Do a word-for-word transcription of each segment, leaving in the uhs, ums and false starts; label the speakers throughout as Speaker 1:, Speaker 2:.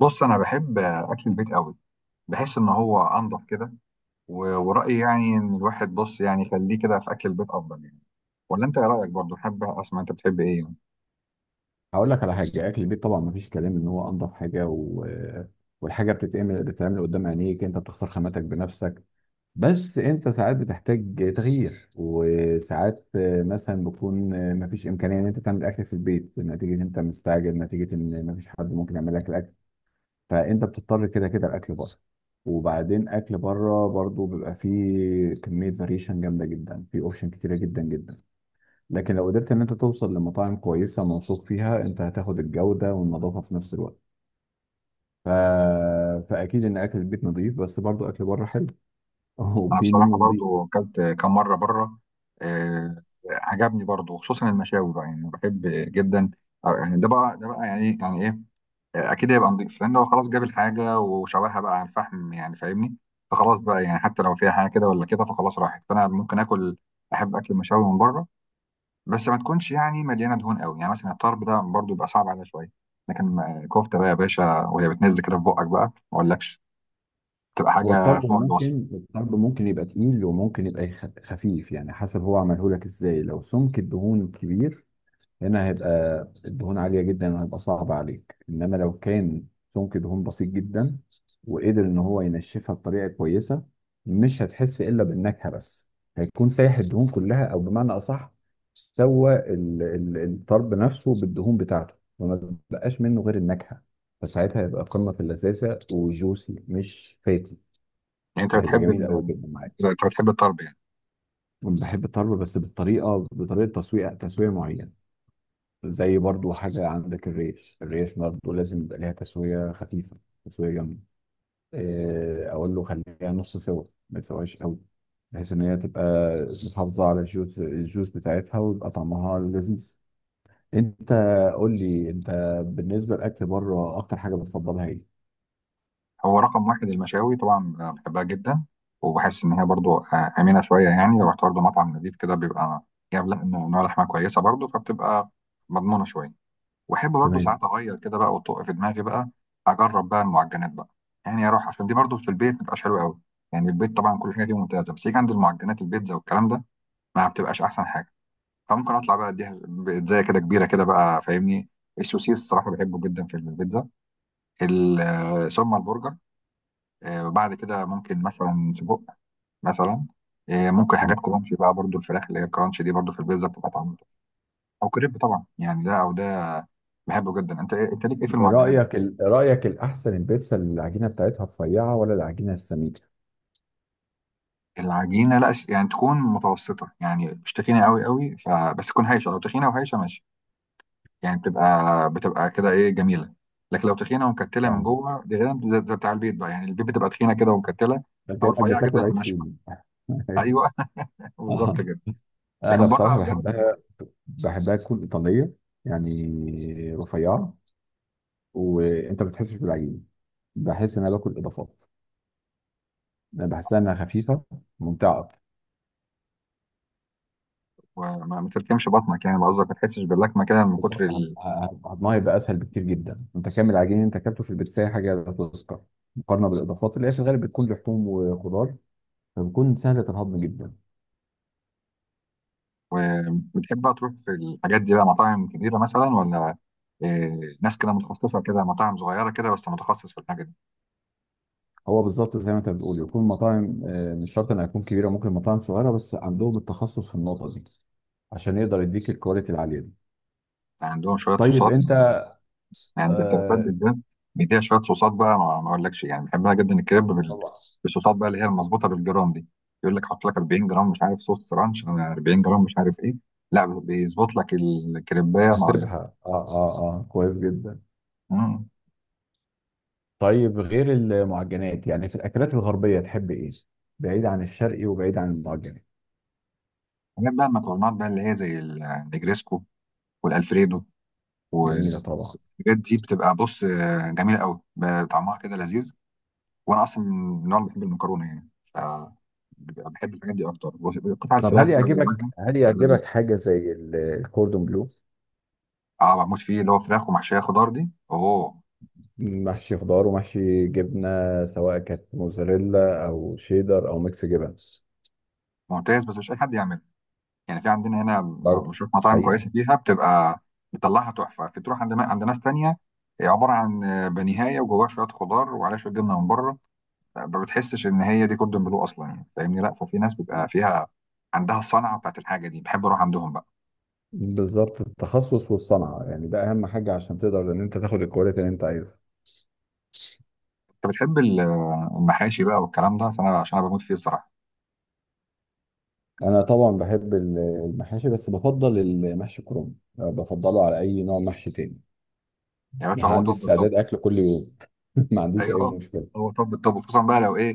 Speaker 1: بص انا بحب اكل البيت قوي. بحس ان هو انضف كده. و- ورأيي يعني ان الواحد بص يعني يخليه كده في اكل البيت افضل يعني. ولا انت ايه رأيك؟ برضو حابب اسمع، انت بتحب ايه يعني؟
Speaker 2: هقول لك على حاجه. اكل البيت طبعا مفيش كلام ان هو انضف حاجه و... والحاجه بتتعمل بتتعمل قدام عينيك، انت بتختار خاماتك بنفسك. بس انت ساعات بتحتاج تغيير، وساعات مثلا بيكون مفيش امكانيه ان انت تعمل اكل في البيت، نتيجه ان انت مستعجل، نتيجه ان مفيش حد ممكن يعمل لك الاكل، فانت بتضطر كده كده الاكل بره. وبعدين اكل بره برضو بيبقى فيه كميه فاريشن جامده جدا، في اوبشن كتيره جدا جدا. لكن لو قدرت ان انت توصل لمطاعم كويسه موثوق فيها، انت هتاخد الجوده والنظافه في نفس الوقت. ف... فاكيد ان اكل البيت نظيف، بس برضو اكل بره حلو.
Speaker 1: انا
Speaker 2: وفي منه
Speaker 1: بصراحة
Speaker 2: نظيف.
Speaker 1: برضو اكلت كام مرة بره. آه. عجبني برضو، خصوصا المشاوي بقى، يعني أنا بحب جدا. أو يعني ده بقى ده بقى يعني إيه، يعني ايه. آه، اكيد هيبقى نضيف لان هو خلاص جاب الحاجة وشواها بقى على الفحم يعني فاهمني. فخلاص بقى يعني حتى لو فيها حاجة كده ولا كده فخلاص راحت، فانا ممكن اكل، احب اكل المشاوي من بره. بس ما تكونش يعني مليانه دهون قوي، يعني مثلا الطرب ده برضو يبقى صعب عليها شويه. لكن ما- كفته بقى يا باشا، وهي بتنزل كده في بقك بقى، ما اقولكش، بتبقى
Speaker 2: هو
Speaker 1: حاجه
Speaker 2: الطرب
Speaker 1: فوق الوصف.
Speaker 2: ممكن الطرب ممكن يبقى تقيل، وممكن يبقى يخ- خفيف، يعني حسب هو عمله لك ازاي. لو سمك الدهون كبير، هنا هيبقى الدهون عالية جدا، هيبقى صعب عليك. إنما لو كان سمك دهون بسيط جدا، وقدر إن هو ينشفها بطريقة كويسة، مش هتحس إلا بالنكهة بس. هيكون سايح الدهون كلها، أو بمعنى أصح، سوى ال- ال- الطرب نفسه بالدهون بتاعته، وما بقاش منه غير النكهة. فساعتها هيبقى قمة في اللذاذة، وجوسي مش فاتي.
Speaker 1: يعني انت
Speaker 2: فهيبقى
Speaker 1: بتحب
Speaker 2: جميل
Speaker 1: ال...
Speaker 2: قوي جدا معاك.
Speaker 1: انت بتحب الطرب يعني.
Speaker 2: بحب الطرب، بس بالطريقة، بطريقة تسوية تسوية معينة. زي برضو حاجة عندك، الريش الريش برضو لازم يبقى ليها تسوية خفيفة، تسوية جامدة. إيه، أقول له خليها نص سوا، ما تسويش قوي، بحيث إن هي تبقى محافظة على الجوس الجوس بتاعتها، ويبقى طعمها لذيذ. أنت، قول لي أنت، بالنسبة للأكل بره، أكتر حاجة بتفضلها إيه؟
Speaker 1: هو رقم واحد المشاوي طبعا، أنا بحبها جدا. وبحس ان هي برضو آه، امنه شويه، يعني لو رحت برضو مطعم نضيف كده بيبقى جايب لح- نوع لحمه كويسه برضو، فبتبقى مضمونه شويه. واحب برضو
Speaker 2: تمام،
Speaker 1: ساعات اغير كده بقى وتقع في دماغي بقى، اجرب بقى المعجنات بقى. يعني اروح عشان دي برضو في البيت ما بتبقاش حلوه قوي. يعني البيت طبعا كل حاجه فيه ممتازه، بس يجي عند المعجنات، البيتزا والكلام ده ما بتبقاش احسن حاجه. فممكن اطلع بقى اديها بيتزايه كده كبيره كده بقى فاهمني. السوسيس الصراحه بحبه جدا في البيتزا. ال- آه، ثم البرجر. آه، وبعد كده ممكن مثلا سجق مثلا. آه، ممكن
Speaker 2: تمام.
Speaker 1: حاجات كرانشي بقى برضو، الفراخ اللي هي الكرانشي دي برضو في البيتزا بتبقى طعمها. او كريب طبعا، يعني ده او ده بحبه جدا. انت إيه- انت ليك ايه في المعجنات؟
Speaker 2: رأيك ال- رأيك الأحسن، البيتزا اللي العجينة بتاعتها رفيعة ولا العجينة السميكة؟
Speaker 1: العجينه لا، س- يعني تكون متوسطه، يعني مش تخينه قوي قوي، فبس تكون هايشه. لو تخينه وهايشه ماشي، يعني بتبقى بتبقى كده ايه جميله. لكن لو تخينه ومكتله من
Speaker 2: فاهمك.
Speaker 1: جوه، دي غير، زي زي بتاع البيت بقى يعني، البيت بتبقى تخينه كده ومكتله.
Speaker 2: ده
Speaker 1: او
Speaker 2: كأنك
Speaker 1: رفيعه جدا
Speaker 2: بتاكل عيش
Speaker 1: وناشفه.
Speaker 2: فينو.
Speaker 1: ايوه. بالظبط كده.
Speaker 2: انا
Speaker 1: لكن
Speaker 2: بصراحه
Speaker 1: بره بيعرف يظبط.
Speaker 2: بحبها بحبها تكون ايطاليه، يعني رفيعه، وانت ما بتحسش بالعجين. بحس ان انا باكل اضافات. انا بحسها انها خفيفه، ممتعه أكتر.
Speaker 1: وما ما تلكمش بطنك، يعني لو قصدك ما تحسش باللكمه كده من كتر
Speaker 2: بالظبط هض-
Speaker 1: ال...
Speaker 2: هض- هضمها يبقى اسهل بكتير جدا. انت كامل العجين اللي انت اكلته في البيتزا حاجه لا تذكر، مقارنه بالاضافات اللي هي في الغالب بتكون لحوم وخضار، فبتكون سهله الهضم جدا.
Speaker 1: وبتحب بقى تروح في الحاجات دي بقى مطاعم كبيره مثلا، ولا إيه، ناس كده متخصصه كده، مطاعم صغيره كده بس متخصص في الحاجه دي؟
Speaker 2: هو بالظبط زي ما انت بتقول، يكون مطاعم، آه، مش شرط انها تكون كبيره، ممكن مطاعم صغيره بس عندهم التخصص في النقطه دي، عشان يقدر يديك الكواليتي العاليه دي.
Speaker 1: يعني عندهم شويه
Speaker 2: طيب
Speaker 1: صوصات
Speaker 2: انت.
Speaker 1: يعني. يعني الكريبات
Speaker 2: آه،
Speaker 1: بالذات بيديها شويه صوصات بقى، ما ما اقولكش يعني، بحبها جدا الكريب بال-
Speaker 2: طبعا.
Speaker 1: بالصوصات بقى، اللي هي المظبوطه بالجرام دي. يقول لك حط لك اربعين جرام مش عارف، صوص رانش على اربعين جرام مش عارف ايه. لا بيظبط لك الكريبايه ما اقولك.
Speaker 2: حاسبها، اه اه اه كويس جدا.
Speaker 1: مم.
Speaker 2: طيب غير المعجنات، يعني في الاكلات الغربيه تحب ايه؟ بعيد عن الشرقي وبعيد عن المعجنات.
Speaker 1: حاجات بقى المكرونات بقى اللي هي زي ال- النجريسكو والالفريدو
Speaker 2: جميله
Speaker 1: والحاجات
Speaker 2: طبعا.
Speaker 1: دي، بتبقى بص آه، جميله قوي، ب- طعمها كده لذيذ. وانا اصلا من النوع اللي بحب المكرونه يعني، ف بيبقى بحب الحاجات دي اكتر، بص- قطع
Speaker 2: طب
Speaker 1: الفراخ
Speaker 2: هل
Speaker 1: بقى
Speaker 2: يعجبك
Speaker 1: جواها.
Speaker 2: هل يعجبك حاجه زي ال- الكوردون بلو؟
Speaker 1: اه بموت فيه، اللي هو فراخ ومحشيه خضار دي، اوه.
Speaker 2: محشي خضار ومحشي جبنه، سواء كانت موزاريلا او شيدر او ميكس جبن.
Speaker 1: ممتاز، بس مش اي حد يعمله. يعني في عندنا هنا
Speaker 2: برضه.
Speaker 1: بشوف مطاعم
Speaker 2: حقيقه.
Speaker 1: كويسه فيها بتبقى بتطلعها تحفه. في تروح عند عند ناس تانية هي عباره عن آه، بانيهايه وجواها شويه خضار وعليها شويه جبنه من بره، ما بتحسش ان هي دي كوردون بلو اصلا يعني فاهمني. لا، ففي ناس بيبقى فيها عندها الصنعه بتاعت الحاجه دي، بحب اروح عندهم بقى.
Speaker 2: بالظبط التخصص والصنعه، يعني ده اهم حاجه عشان تقدر ان انت تاخد الكواليتي اللي انت عايزها.
Speaker 1: انت بتحب ال- آه، المحاشي بقى والكلام ده، عشان انا عشان انا بموت فيه الصراحه.
Speaker 2: انا طبعا بحب ال- المحاشي، بس بفضل المحشي كرنب. أه، بفضله على اي نوع محشي تاني.
Speaker 1: يا باشا هو
Speaker 2: عندي
Speaker 1: توب.
Speaker 2: استعداد اكل كل يوم. ما عنديش اي
Speaker 1: ايوه.
Speaker 2: مشكله.
Speaker 1: هو طب طب خصوصا بقى لو ايه،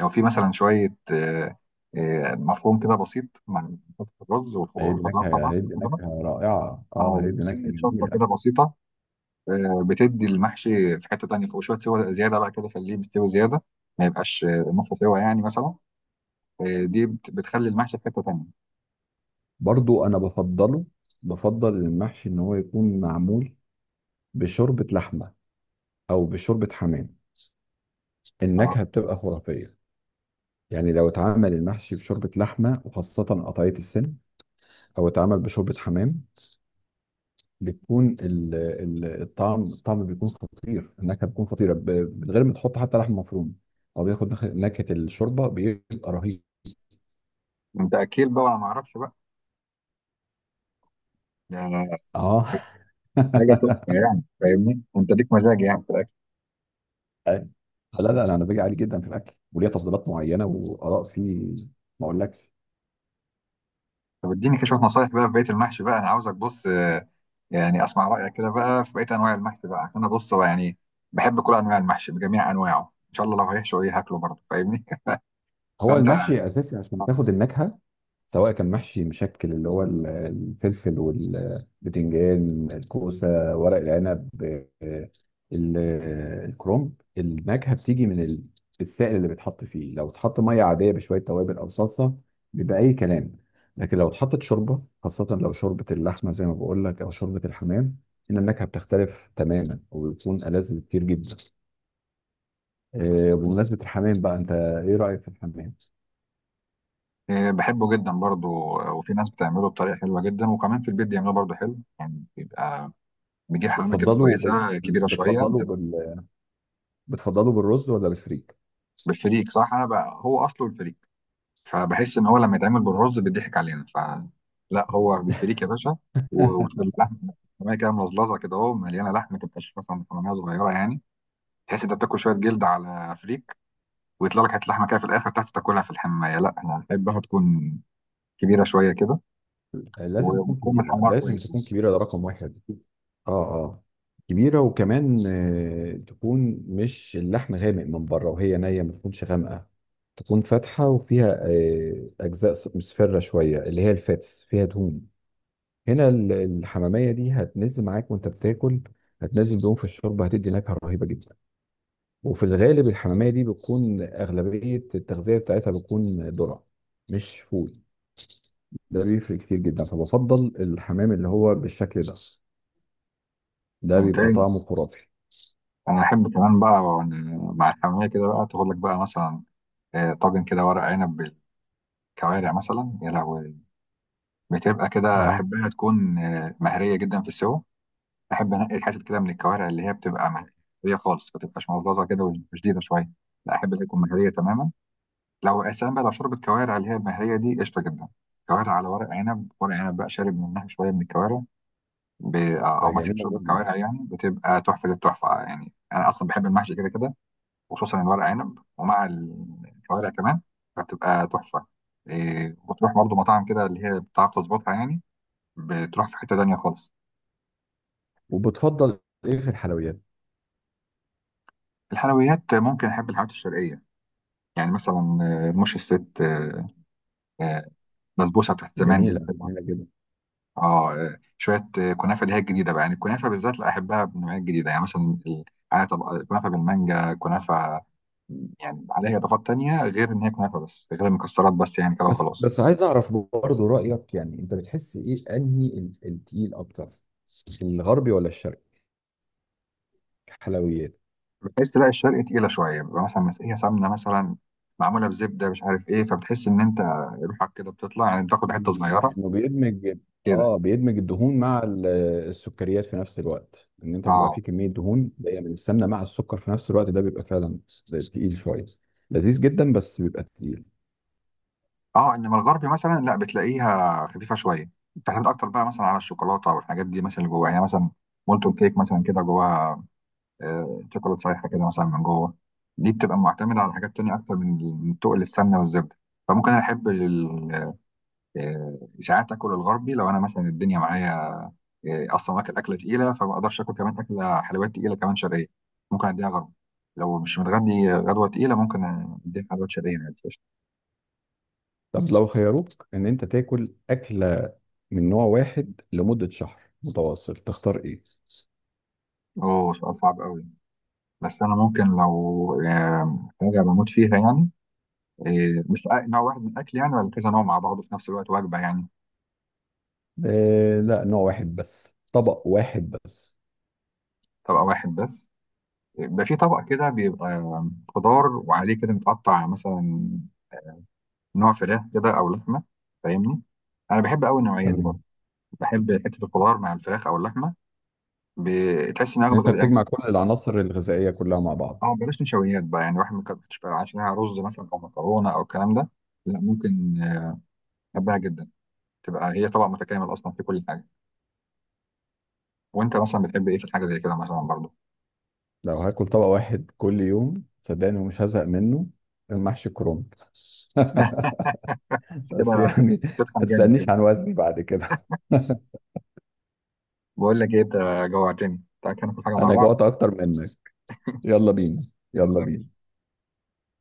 Speaker 1: لو في مثلا شويه آه، آه، مفروم كده بسيط مع فتة الرز والخ-
Speaker 2: هيدي
Speaker 1: والخضار
Speaker 2: نكهه
Speaker 1: طبعا،
Speaker 2: هيدي
Speaker 1: الخضار
Speaker 2: نكهه رائعه. اه
Speaker 1: او
Speaker 2: هيدي نكهه
Speaker 1: سنه شطه
Speaker 2: جميله.
Speaker 1: كده بسيطه، آه، بتدي المحشي في حته تانيه، وشويه سوى زياده بقى كده، خليه مستوي زياده، ما يبقاش آه، نص سوا يعني مثلا، آه، دي بت- بتخلي المحشي في حته تانيه.
Speaker 2: برضو انا بفضله. بفضل المحشي ان هو يكون معمول بشوربه لحمه، او بشوربه حمام.
Speaker 1: اه.
Speaker 2: النكهه بتبقى خرافيه. يعني لو اتعمل المحشي بشوربه لحمه وخاصه قطعيه السن، او اتعمل بشوربه حمام، بتكون ال- ال- الطعم الطعم بيكون خطير، النكهه بتكون خطيره، ب- من غير ما تحط حتى لحم مفروم. هو بياخد نخ- نكهه الشوربه، بيبقى رهيب.
Speaker 1: انت اكيل بقى، ولا ما اعرفش بقى، ده
Speaker 2: اه.
Speaker 1: حاجه تحفه يعني فاهمني، انت ليك مزاج يعني.
Speaker 2: لا لا لا، انا باجي عالي جدا في الاكل، وليا تفضيلات معينه واراء فيه. ما اقولكش.
Speaker 1: طب اديني كده شويه نصايح بقى في بقيه المحشي بقى، انا عاوزك بص آه، يعني اسمع رايك كده بقى في بقيه انواع المحشي بقى، عشان انا بص هو يعني بحب كل انواع المحشي بجميع انواعه، ان شاء الله لو هيحشوا ايه هاكله برضه فاهمني.
Speaker 2: هو
Speaker 1: فانت
Speaker 2: المحشي اساسي عشان تاخد النكهه، سواء كان محشي مشكل اللي هو ال- الفلفل والبتنجان الكوسة، ورق العنب، آه، ال- آه، الكرنب. النكهة بتيجي من ال- السائل اللي بيتحط فيه. لو اتحط مية عادية بشوية توابل أو صلصة، بيبقى أي كلام. لكن لو اتحطت شوربة خاصة، لو شوربة اللحمة زي ما بقول لك أو شوربة الحمام، إن النكهة بتختلف تماما وبتكون ألذ بكتير جدا. آه، بمناسبة الحمام بقى، أنت إيه رأيك في الحمام؟
Speaker 1: آه، بحبه جدا برضه. وفي ناس بتعمله بطريقه حلوه جدا، وكمان في البيت بيعملوه برضه حلو يعني، بيبقى بيجيب حمامه كده
Speaker 2: بتفضله بال...
Speaker 1: كويسه كبيره شويه.
Speaker 2: بتفضله بتفضله بالرز ولا بالفريك؟
Speaker 1: بالفريك صح، انا بقى هو اصله الفريك، فبحس ان هو لما يتعمل بالرز بيضحك علينا، فلا هو بالفريك يا باشا. و- واللحمه حمامية كده ملظلظه كده، اهو مليانه لحمه، ما تبقاش مثلا حماميه صغيره يعني، تحس انت بتاكل شويه جلد على فريك، ويطلع لك حته لحمه كده في الاخر تحت تاكلها. في الحمايه لا انا احبها تكون كبيره شويه كده،
Speaker 2: لازم تكون
Speaker 1: وتكون
Speaker 2: كبيره،
Speaker 1: متحمره
Speaker 2: لازم
Speaker 1: كويس.
Speaker 2: تكون كبيره، ده رقم واحد. اه اه كبيره، وكمان آه، تكون مش اللحم غامق من بره وهي نيه، ما تكونش غامقه. تكون فاتحه وفيها آه، اجزاء ص- مصفره شويه، اللي هي الفاتس فيها دهون. هنا ال- الحماميه دي هتنزل معاك وانت بتاكل، هتنزل دهون في الشوربه، هتدي نكهه رهيبه جدا. وفي الغالب الحماميه دي بتكون اغلبيه التغذيه بتاعتها بتكون ذره، مش فول. ده بيفرق كتير جدا، فبفضل الحمام اللي هو بالشكل ده، ده بيبقى
Speaker 1: ممتاز.
Speaker 2: طعمه خرافي.
Speaker 1: انا احب كمان بقى، وأنا مع الحماميه كده بقى، تاخد لك بقى مثلا آه، طاجن كده ورق عنب بالكوارع مثلا يا لهوي، بتبقى كده
Speaker 2: اه،
Speaker 1: احبها تكون آه، مهريه جدا في السوا. احب انقي الحتت كده من الكوارع اللي هي بتبقى مهريه خالص، ما تبقاش مغلظه كده وشديده شويه، لا احب اللي تكون مهريه تماما. لو اساسا بقى لو شربت كوارع اللي هي المهريه دي قشطه جدا، كوارع على ورق عنب، ورق عنب بقى شارب منها شويه من الكوارع، ب... او
Speaker 2: بيبقى
Speaker 1: مثلا
Speaker 2: جميلة
Speaker 1: شوربه
Speaker 2: جدا.
Speaker 1: كوارع، يعني بتبقى تحفه التحفه، يعني انا اصلا بحب المحشي كده كده، وخصوصا الورق عنب ومع الكوارع كمان فبتبقى تحفه. إيه، وتروح برضه مطاعم كده اللي هي بتعرف تظبطها يعني، بتروح في حته تانيه خالص.
Speaker 2: وبتفضل ايه في الحلويات؟
Speaker 1: الحلويات ممكن احب الحلويات الشرقيه، يعني مثلا آه، رموش الست، آه، آه، بسبوسه بتاعت زمان دي
Speaker 2: جميلة،
Speaker 1: الحلوه.
Speaker 2: جميلة جدا.
Speaker 1: اه، آه، شويه آه، كنافه اللي هي الجديده بقى، يعني الكنافه بالذات لا احبها بالنوعيه الجديده، يعني مثلا ال- عليها طبق كنافه بالمانجا كنافه، يعني عليها اضافات تانية غير ان هي كنافه بس، غير المكسرات بس يعني كده
Speaker 2: بس
Speaker 1: وخلاص.
Speaker 2: بس عايز اعرف برضه رأيك، يعني انت بتحس ايه انهي ال- التقيل اكتر، الغربي ولا الشرقي، حلويات؟
Speaker 1: بتحس تلاقي الشرق تقيله شويه، بيبقى مثلا مسقيه سمنه مثلا معموله بزبده مش عارف ايه، فبتحس ان انت روحك كده بتطلع، يعني بتاخد حته صغيره
Speaker 2: انه بيدمج.
Speaker 1: كده.
Speaker 2: اه، بيدمج الدهون مع ال- السكريات في نفس الوقت. ان انت بيبقى
Speaker 1: اه.
Speaker 2: فيه كميه دهون جايه من السمنه مع السكر في نفس الوقت، ده بيبقى فعلا تقيل شويه، لذيذ جدا بس بيبقى تقيل.
Speaker 1: اه. انما الغربي مثلا لا بتلاقيها خفيفه شويه، بتعتمد اكتر بقى مثلا على الشوكولاته والحاجات دي مثلا اللي جواها، يعني مثلا مولتون كيك مثلا كده جواها آه، شوكولاته سايحه كده مثلا من جوه، دي بتبقى معتمده على حاجات تانية اكتر من من تقل السمنه والزبده. فممكن انا احب ال- آه، ساعات اكل الغربي، لو انا مثلا الدنيا معايا آه، اصلا واكل اكله تقيله، فما اقدرش اكل كمان اكله حلويات تقيله كمان شرقيه، ممكن اديها غربي، لو مش متغدي غدوه تقيله ممكن اديها حلويات شرقيه عادي قشطة.
Speaker 2: طب لو خيروك ان انت تاكل اكله من نوع واحد لمده شهر متواصل، تختار ايه؟
Speaker 1: اوه سؤال صعب قوي. بس انا ممكن لو آم، حاجه بموت فيها يعني، آه، مش أ- نوع واحد من الاكل يعني، ولا كذا نوع مع بعضه في نفس الوقت وجبه يعني؟
Speaker 2: آه لا، نوع واحد بس، طبق واحد بس.
Speaker 1: طبق واحد بس. بيبقى في طبق كده بيبقى آم، خضار وعليه كده متقطع مثلا نوع فراخ كده او لحمه، فاهمني. انا بحب قوي النوعيه دي برضه.
Speaker 2: تمام.
Speaker 1: بحب حته الخضار مع الفراخ او اللحمه، بتحس انها
Speaker 2: يعني
Speaker 1: وجبه
Speaker 2: انت
Speaker 1: غذائيه.
Speaker 2: بتجمع كل العناصر الغذائيه كلها مع بعض.
Speaker 1: اه بلاش نشويات بقى يعني، واحد ما كانش عشانها رز مثلا او مكرونه او الكلام ده، لا. ممكن آه، احبها جدا تبقى هي طبق متكامل اصلا في كل حاجه. وانت مثلا بتحب ايه في الحاجه زي كده مثلا برضه؟
Speaker 2: لو هاكل طبق واحد كل يوم صدقني ومش هزهق منه، المحشي كروم.
Speaker 1: اه. بس
Speaker 2: بس
Speaker 1: كده
Speaker 2: يعني، ما
Speaker 1: تفهم جامد
Speaker 2: تسألنيش
Speaker 1: كده.
Speaker 2: عن وزني بعد كده.
Speaker 1: بقول لك ايه، انت جوعتني، تعالى كده ناكل حاجه مع
Speaker 2: انا
Speaker 1: بعض.
Speaker 2: جوعت اكتر منك. يلا بينا، يلا
Speaker 1: يلا.
Speaker 2: بينا.